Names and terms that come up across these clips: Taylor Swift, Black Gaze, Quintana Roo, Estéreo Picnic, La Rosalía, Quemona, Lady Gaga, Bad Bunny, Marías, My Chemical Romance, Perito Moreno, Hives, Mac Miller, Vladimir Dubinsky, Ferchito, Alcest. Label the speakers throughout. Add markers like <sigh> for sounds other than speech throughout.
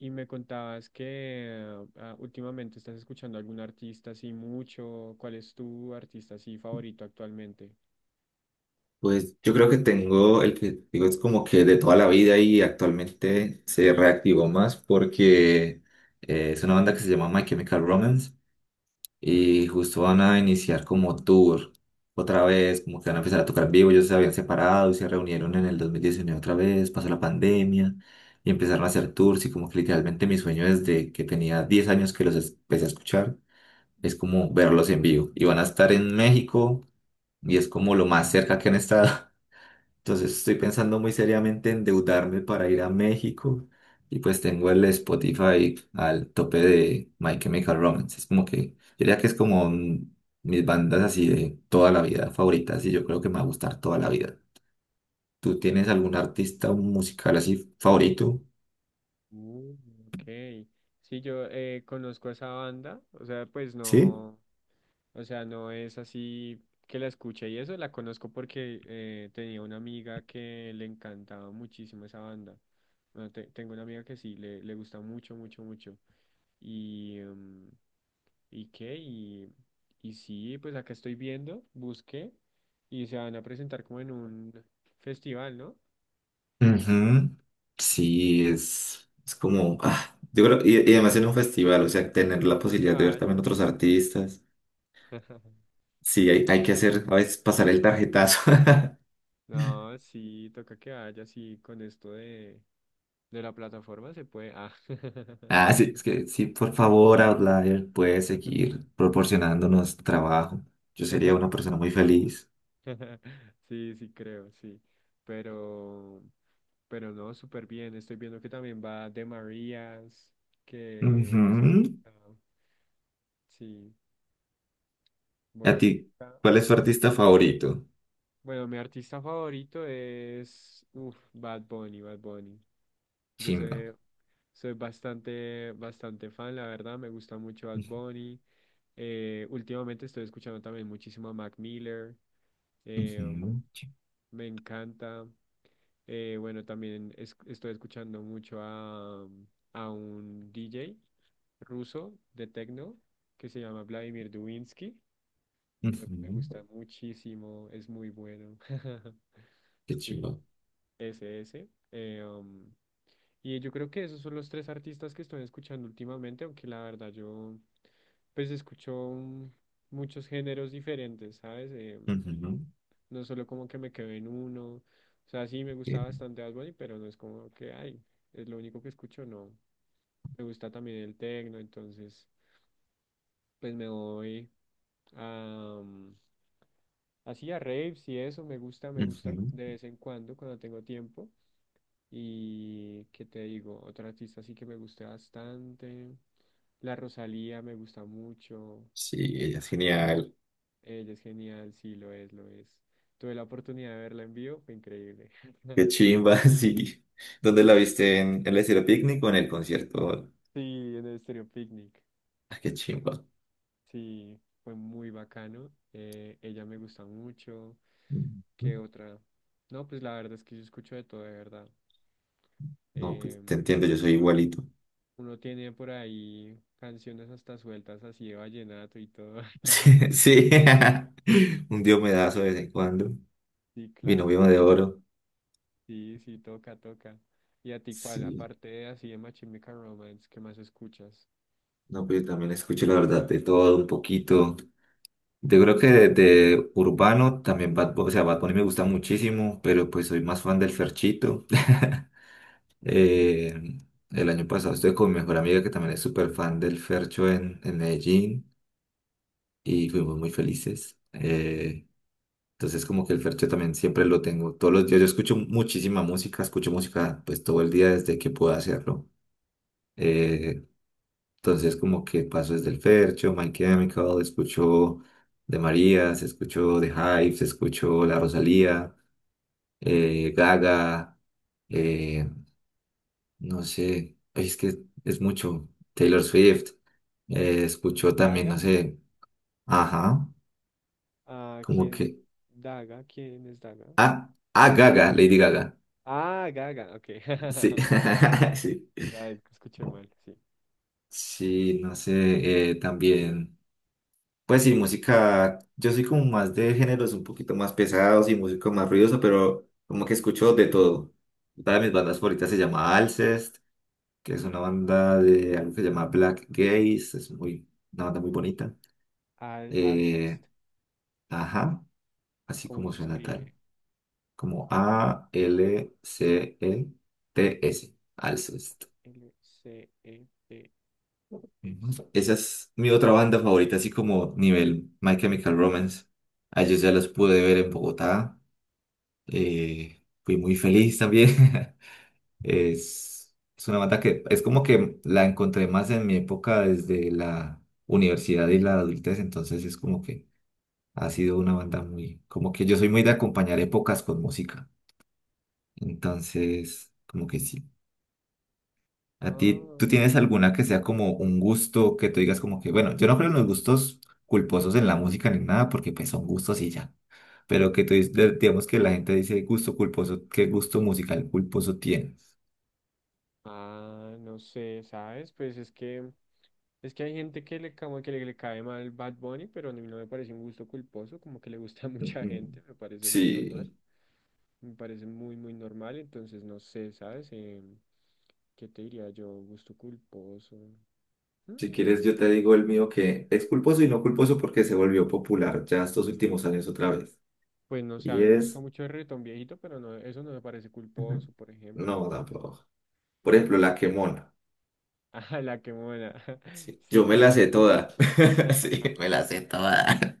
Speaker 1: Y me contabas que últimamente estás escuchando algún artista así mucho. ¿Cuál es tu artista así favorito actualmente?
Speaker 2: Pues yo creo que tengo el que digo es como que de toda la vida y actualmente se reactivó más porque es una banda que se llama My Chemical Romance y justo van a iniciar como tour otra vez, como que van a empezar a tocar en vivo. Ellos se habían separado y se reunieron en el 2019 otra vez, pasó la pandemia y empezaron a hacer tours y como que literalmente mi sueño desde que tenía 10 años que los empecé a escuchar es como verlos en vivo y van a estar en México y es como lo más cerca que han estado. Entonces estoy pensando muy seriamente endeudarme para ir a México y pues tengo el Spotify al tope de My Chemical Romance. Es como que, yo diría que es como mis bandas así de toda la vida favoritas y yo creo que me va a gustar toda la vida. ¿Tú tienes algún artista musical así favorito?
Speaker 1: Uh, ok. Sí, yo conozco a esa banda. O sea, pues
Speaker 2: ¿Sí?
Speaker 1: no. O sea, no es así que la escuche y eso, la conozco porque tenía una amiga que le encantaba muchísimo esa banda. Bueno, tengo una amiga que sí, le gusta mucho, mucho, mucho. Y, ¿y qué? Y sí, pues acá estoy viendo, busqué y se van a presentar como en un festival, ¿no?
Speaker 2: Ujú. Sí, es como, ah, yo creo, y además en un festival, o sea, tener la
Speaker 1: Toca que
Speaker 2: posibilidad de ver también otros
Speaker 1: vayas.
Speaker 2: artistas.
Speaker 1: <laughs>
Speaker 2: Sí, hay que hacer, a veces pasar el tarjetazo. <laughs>
Speaker 1: No, sí, toca que vayas y con esto de la plataforma se puede. Ah.
Speaker 2: Ah, sí, es que sí, por favor, Outlier, puede seguir proporcionándonos trabajo. Yo sería una
Speaker 1: <laughs>
Speaker 2: persona muy feliz.
Speaker 1: <laughs> Sí, sí creo, sí. Pero, pero no, súper bien. Estoy viendo que también va de Marías, que
Speaker 2: Ujú.
Speaker 1: ah, sí,
Speaker 2: ¿A
Speaker 1: bueno.
Speaker 2: ti?
Speaker 1: está-
Speaker 2: ¿Cuál es tu artista favorito?
Speaker 1: Bueno, mi artista favorito es uf, Bad Bunny, Bad Bunny. Yo
Speaker 2: Chimba.
Speaker 1: soy, Soy bastante, bastante fan, la verdad. Me gusta mucho Bad Bunny. Últimamente estoy escuchando también muchísimo a Mac Miller. eh, um,
Speaker 2: Ujú,
Speaker 1: Me encanta. Bueno, también estoy escuchando mucho a, a un DJ ruso de techno que se llama Vladimir Dubinsky. Me gusta
Speaker 2: ujú.
Speaker 1: muchísimo, es muy bueno. <laughs>
Speaker 2: Qué
Speaker 1: Sí.
Speaker 2: chimba.
Speaker 1: Ese, ese. Y yo creo que esos son los tres artistas que estoy escuchando últimamente, aunque la verdad yo pues escucho muchos géneros diferentes, ¿sabes?
Speaker 2: Ujú,
Speaker 1: No solo como que me quedo en uno. O sea, sí me gusta
Speaker 2: qué-
Speaker 1: bastante Bad Bunny, pero no es como que, ay, es lo único que escucho, no. Me gusta también el techno, entonces pues me voy a... Así a raves y eso me gusta
Speaker 2: ujú.
Speaker 1: de vez en cuando cuando tengo tiempo. Y qué te digo, otra artista sí que me guste bastante. La Rosalía me gusta mucho.
Speaker 2: Sí, ella es genial.
Speaker 1: Ella es genial, sí, lo es, lo es. Tuve la oportunidad de verla en vivo, fue increíble. <laughs>
Speaker 2: Qué chimba, <laughs> sí. ¿Dónde la
Speaker 1: Fue-
Speaker 2: viste? ¿En el estilo Picnic o en el concierto?
Speaker 1: Sí, en el Estéreo Picnic.
Speaker 2: Ah, qué chimba.
Speaker 1: Sí, fue muy bacano. Ella me gusta mucho.
Speaker 2: Ujú.
Speaker 1: ¿Qué otra? No, pues la verdad es que yo escucho de todo, de verdad.
Speaker 2: No, pues
Speaker 1: Eh,
Speaker 2: te entiendo, yo soy igualito.
Speaker 1: Uno tiene por ahí canciones hasta sueltas así de vallenato y todo.
Speaker 2: <laughs>
Speaker 1: <laughs>
Speaker 2: Sí, sí. <laughs> Un diomedazo de vez en cuando.
Speaker 1: Sí,
Speaker 2: Mi
Speaker 1: claro.
Speaker 2: novio de oro.
Speaker 1: Sí, sí, toca, toca. ¿Y a ti cuál?
Speaker 2: Sí.
Speaker 1: Aparte de así de My Chemical Romance, ¿qué más escuchas?
Speaker 2: No, pero yo también escucho la verdad de todo un poquito. Yo creo que de urbano también Bad Bunny, o sea, Bad Bunny me gusta muchísimo, pero pues soy más fan del Ferchito. <laughs> Eh, el año pasado estuve con mi mejor amiga que también es súper fan del Fercho en Medellín y fuimos muy felices. Entonces como que el fercho también siempre lo tengo todos los días. Yo escucho muchísima música, escucho música pues todo el día desde que puedo hacerlo. Eh, entonces como que paso desde el fercho, My Chemical, escucho de Marías, escucho de Hives, escucho La Rosalía, Gaga, eh, no sé, ay, es que es mucho. Taylor Swift, escucho también,
Speaker 1: Daga.
Speaker 2: no sé, ajá,
Speaker 1: Ah,
Speaker 2: como
Speaker 1: ¿quién?
Speaker 2: que,
Speaker 1: Daga, ¿quién es Daga?
Speaker 2: ah, ah, Gaga, Lady Gaga,
Speaker 1: Ah, Gaga, ok.
Speaker 2: sí,
Speaker 1: <laughs>
Speaker 2: <laughs> sí.
Speaker 1: Ya es que escuché mal, sí.
Speaker 2: Sí, no sé, también, pues sí, música, yo soy como más de géneros un poquito más pesados y música más ruidosa, pero como que escucho de todo. Una de mis bandas favoritas se llama Alcest, que es una banda de algo que se llama Black Gaze, es muy, una banda muy bonita.
Speaker 1: Al
Speaker 2: Eh,
Speaker 1: Alcest.
Speaker 2: ajá, así
Speaker 1: ¿Cómo
Speaker 2: como
Speaker 1: se
Speaker 2: suena tal,
Speaker 1: escribe?
Speaker 2: como A-L-C-E-T-S, Alcest.
Speaker 1: L-C-E-T-S.
Speaker 2: Ujú. Esa es mi otra banda favorita, así como nivel My Chemical Romance. A ellos ya los pude ver en Bogotá. Fui muy feliz también. <laughs> Es una banda que es como que la encontré más en mi época desde la universidad y la adultez, entonces es como que ha sido una banda muy, como que yo soy muy de acompañar épocas con música. Entonces, como que sí. A ti, ¿tú
Speaker 1: Ah,
Speaker 2: tienes alguna que sea como un gusto que tú digas como que, bueno, yo no creo en los gustos culposos en la música ni nada, porque pues son gustos y ya. Pero que tú dices, digamos que la gente dice gusto culposo, ¿qué gusto musical culposo tienes?
Speaker 1: no sé, ¿sabes? Pues es que hay gente que le como que le cae mal Bad Bunny, pero a mí no me parece un gusto culposo, como que le gusta <laughs> a mucha
Speaker 2: Ujú.
Speaker 1: gente, me parece muy normal.
Speaker 2: Sí,
Speaker 1: Me parece muy, muy normal, entonces no sé, ¿sabes? ¿Qué te diría yo? Gusto culposo. Mm,
Speaker 2: si quieres yo te digo el mío que es culposo y no culposo porque se volvió popular ya estos últimos años otra vez.
Speaker 1: Pues no sé, a
Speaker 2: Y
Speaker 1: mí me gusta
Speaker 2: es...
Speaker 1: mucho el reggaetón viejito, pero no, eso no me parece
Speaker 2: Ujú.
Speaker 1: culposo, por ejemplo.
Speaker 2: No,
Speaker 1: <laughs>
Speaker 2: tampoco. Por ejemplo, la quemona.
Speaker 1: Ah, la quemona. <laughs>
Speaker 2: Sí.
Speaker 1: ¿Sí
Speaker 2: Yo
Speaker 1: te
Speaker 2: me la
Speaker 1: gusta la
Speaker 2: sé
Speaker 1: quemona?
Speaker 2: toda. <laughs> Sí,
Speaker 1: <laughs>
Speaker 2: me la sé toda.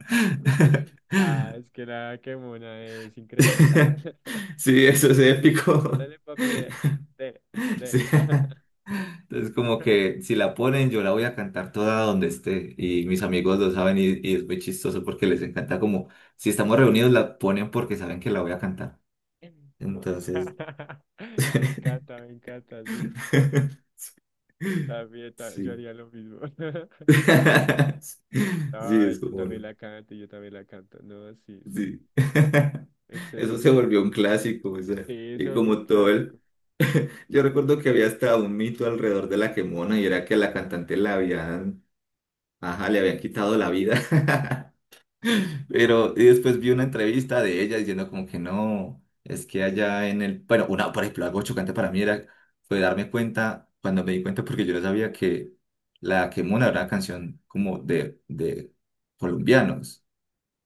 Speaker 2: <laughs>
Speaker 1: Ah, es que la quemona es increíble. <laughs>
Speaker 2: Sí, eso es épico.
Speaker 1: Dale, papi, dale,
Speaker 2: <laughs>
Speaker 1: dale, dale.
Speaker 2: Sí.
Speaker 1: <laughs>
Speaker 2: Entonces, como que si la ponen, yo la voy a cantar toda donde esté. Y mis amigos
Speaker 1: <laughs>
Speaker 2: lo saben y es muy chistoso porque les encanta como, si estamos reunidos, la ponen porque saben que la voy a cantar. Entonces,
Speaker 1: Me encanta, sí.
Speaker 2: <laughs>
Speaker 1: También, yo
Speaker 2: sí.
Speaker 1: haría lo mismo. <laughs>
Speaker 2: <laughs> Sí,
Speaker 1: Ay,
Speaker 2: es
Speaker 1: yo
Speaker 2: como...
Speaker 1: también
Speaker 2: bueno.
Speaker 1: la canto, yo también la canto. No, sí, sí.
Speaker 2: Sí. <laughs> Eso se
Speaker 1: Excelente.
Speaker 2: volvió un clásico, o sea,
Speaker 1: Sí, se
Speaker 2: y
Speaker 1: volvió un
Speaker 2: como todo
Speaker 1: clásico.
Speaker 2: el... <laughs> Yo recuerdo que había hasta un mito alrededor de la Quemona y era que a la cantante la habían, ajá, le habían quitado la vida. <laughs> Pero y después vi una entrevista de ella diciendo como que no, es que allá en el, bueno, una, por ejemplo, algo chocante para mí era, fue darme cuenta, cuando me di cuenta, porque yo no sabía que la Quemona era una canción como de colombianos.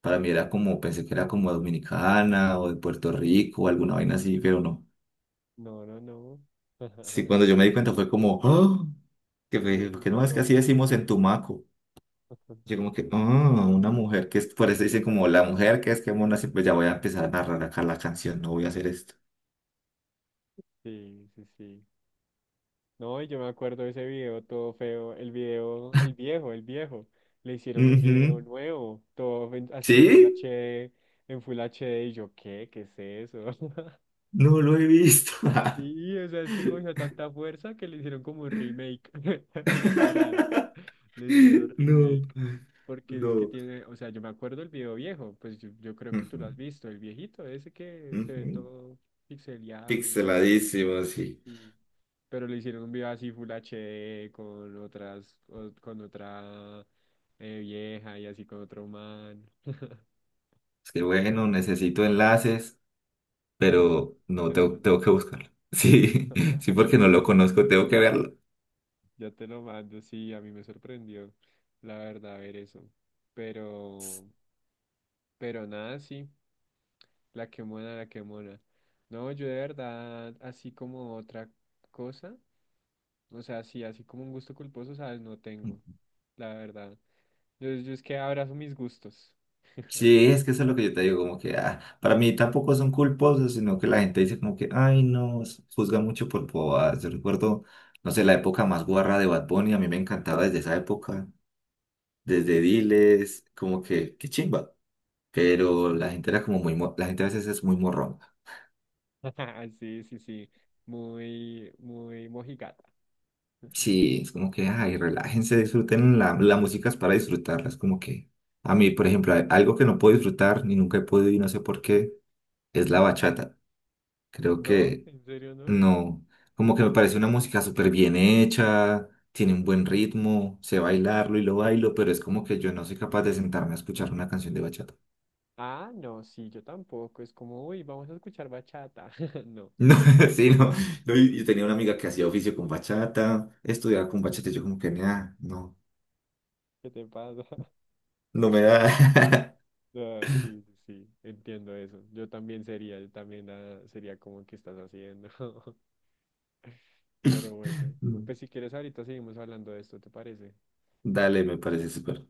Speaker 2: Para mí era
Speaker 1: Sí.
Speaker 2: como, pensé que era como dominicana o de Puerto Rico o alguna vaina así, pero no.
Speaker 1: No, no, no.
Speaker 2: Sí,
Speaker 1: <laughs>
Speaker 2: cuando yo me di cuenta fue como, "Ah", que,
Speaker 1: Made in
Speaker 2: que no, es que así
Speaker 1: Colombia.
Speaker 2: decimos en Tumaco. Yo
Speaker 1: <laughs>
Speaker 2: como que, ah, una mujer que es, por eso dice como la mujer que es que mona, sí, pues ya voy a empezar a narrar acá la canción, no voy a hacer esto.
Speaker 1: Sí, sí, sí. No, y yo me acuerdo de ese video todo feo. El video, el viejo, el viejo. Le hicieron un video
Speaker 2: Ujú.
Speaker 1: nuevo, todo así en Full
Speaker 2: ¿Sí?
Speaker 1: HD, en Full HD. Y yo, ¿qué? ¿Qué es eso?
Speaker 2: No lo he visto. <laughs>
Speaker 1: Sí, o sea, es que cogió tanta fuerza que le hicieron como un remake, <laughs> literal. Le hicieron
Speaker 2: No,
Speaker 1: remake. Porque es que
Speaker 2: no.
Speaker 1: tiene, o sea, yo me acuerdo el video viejo, pues yo creo que tú lo
Speaker 2: Ujú,
Speaker 1: has visto, el viejito, ese que se ve
Speaker 2: ujú.
Speaker 1: todo pixeleado y así.
Speaker 2: Pixeladísimo, sí.
Speaker 1: Sí. Pero le hicieron un video así Full HD con otras, con otra vieja y así con otro man.
Speaker 2: Es que
Speaker 1: Entonces,
Speaker 2: bueno, necesito enlaces.
Speaker 1: sí,
Speaker 2: Pero
Speaker 1: ya
Speaker 2: no,
Speaker 1: te lo
Speaker 2: tengo,
Speaker 1: mando.
Speaker 2: tengo que buscarlo. <laughs> Sí, sí, porque no lo conozco, tengo que verlo.
Speaker 1: Ya te lo mando, sí, a mí me sorprendió, la verdad, ver eso. Pero, pero nada, sí, la que mona, la que mona. No, yo de verdad, así como otra cosa, o sea, sí, así como un gusto culposo, sabes, no tengo, la verdad. Yo es que abrazo mis gustos.
Speaker 2: Sí, es que eso es lo que yo te digo, como que ah, para mí tampoco son culposos, sino que la gente dice como que, ay, no, juzga mucho por bobadas. Yo recuerdo, no sé, la época más guarra de Bad Bunny, a mí me encantaba desde esa época, desde
Speaker 1: Uy,
Speaker 2: Diles, como que, qué chimba. Pero
Speaker 1: sí.
Speaker 2: la gente era como muy, la gente a veces es muy morrón.
Speaker 1: <laughs> Sí, sí, sí, muy, muy mojigata.
Speaker 2: Sí, es como que, ay, relájense, disfruten, la música es para disfrutarla, es como que, a mí, por ejemplo, algo que no puedo disfrutar, ni nunca he podido y no sé por qué, es la bachata. Creo
Speaker 1: ¿No?
Speaker 2: que
Speaker 1: ¿En serio no?
Speaker 2: no, como que me parece una música súper bien hecha, tiene un buen ritmo, sé bailarlo y lo bailo, pero es como que yo no soy capaz de sentarme a escuchar una canción de bachata. <laughs>
Speaker 1: Ah, no, sí, yo tampoco. Es como, uy, vamos a escuchar bachata. <laughs> No.
Speaker 2: No, sí, no, no, y
Speaker 1: Realmente no.
Speaker 2: tenía una amiga que hacía oficio con bachata, estudiaba con bachata, y yo como que, nah, no,
Speaker 1: ¿Qué te pasa? <laughs>
Speaker 2: no me da.
Speaker 1: Ah, sí, sí, sí, entiendo eso. Yo también sería, yo también sería como que estás haciendo. <laughs> Pero bueno, pues
Speaker 2: <laughs>
Speaker 1: si quieres ahorita seguimos hablando de esto, ¿te parece?
Speaker 2: Dale, me parece súper.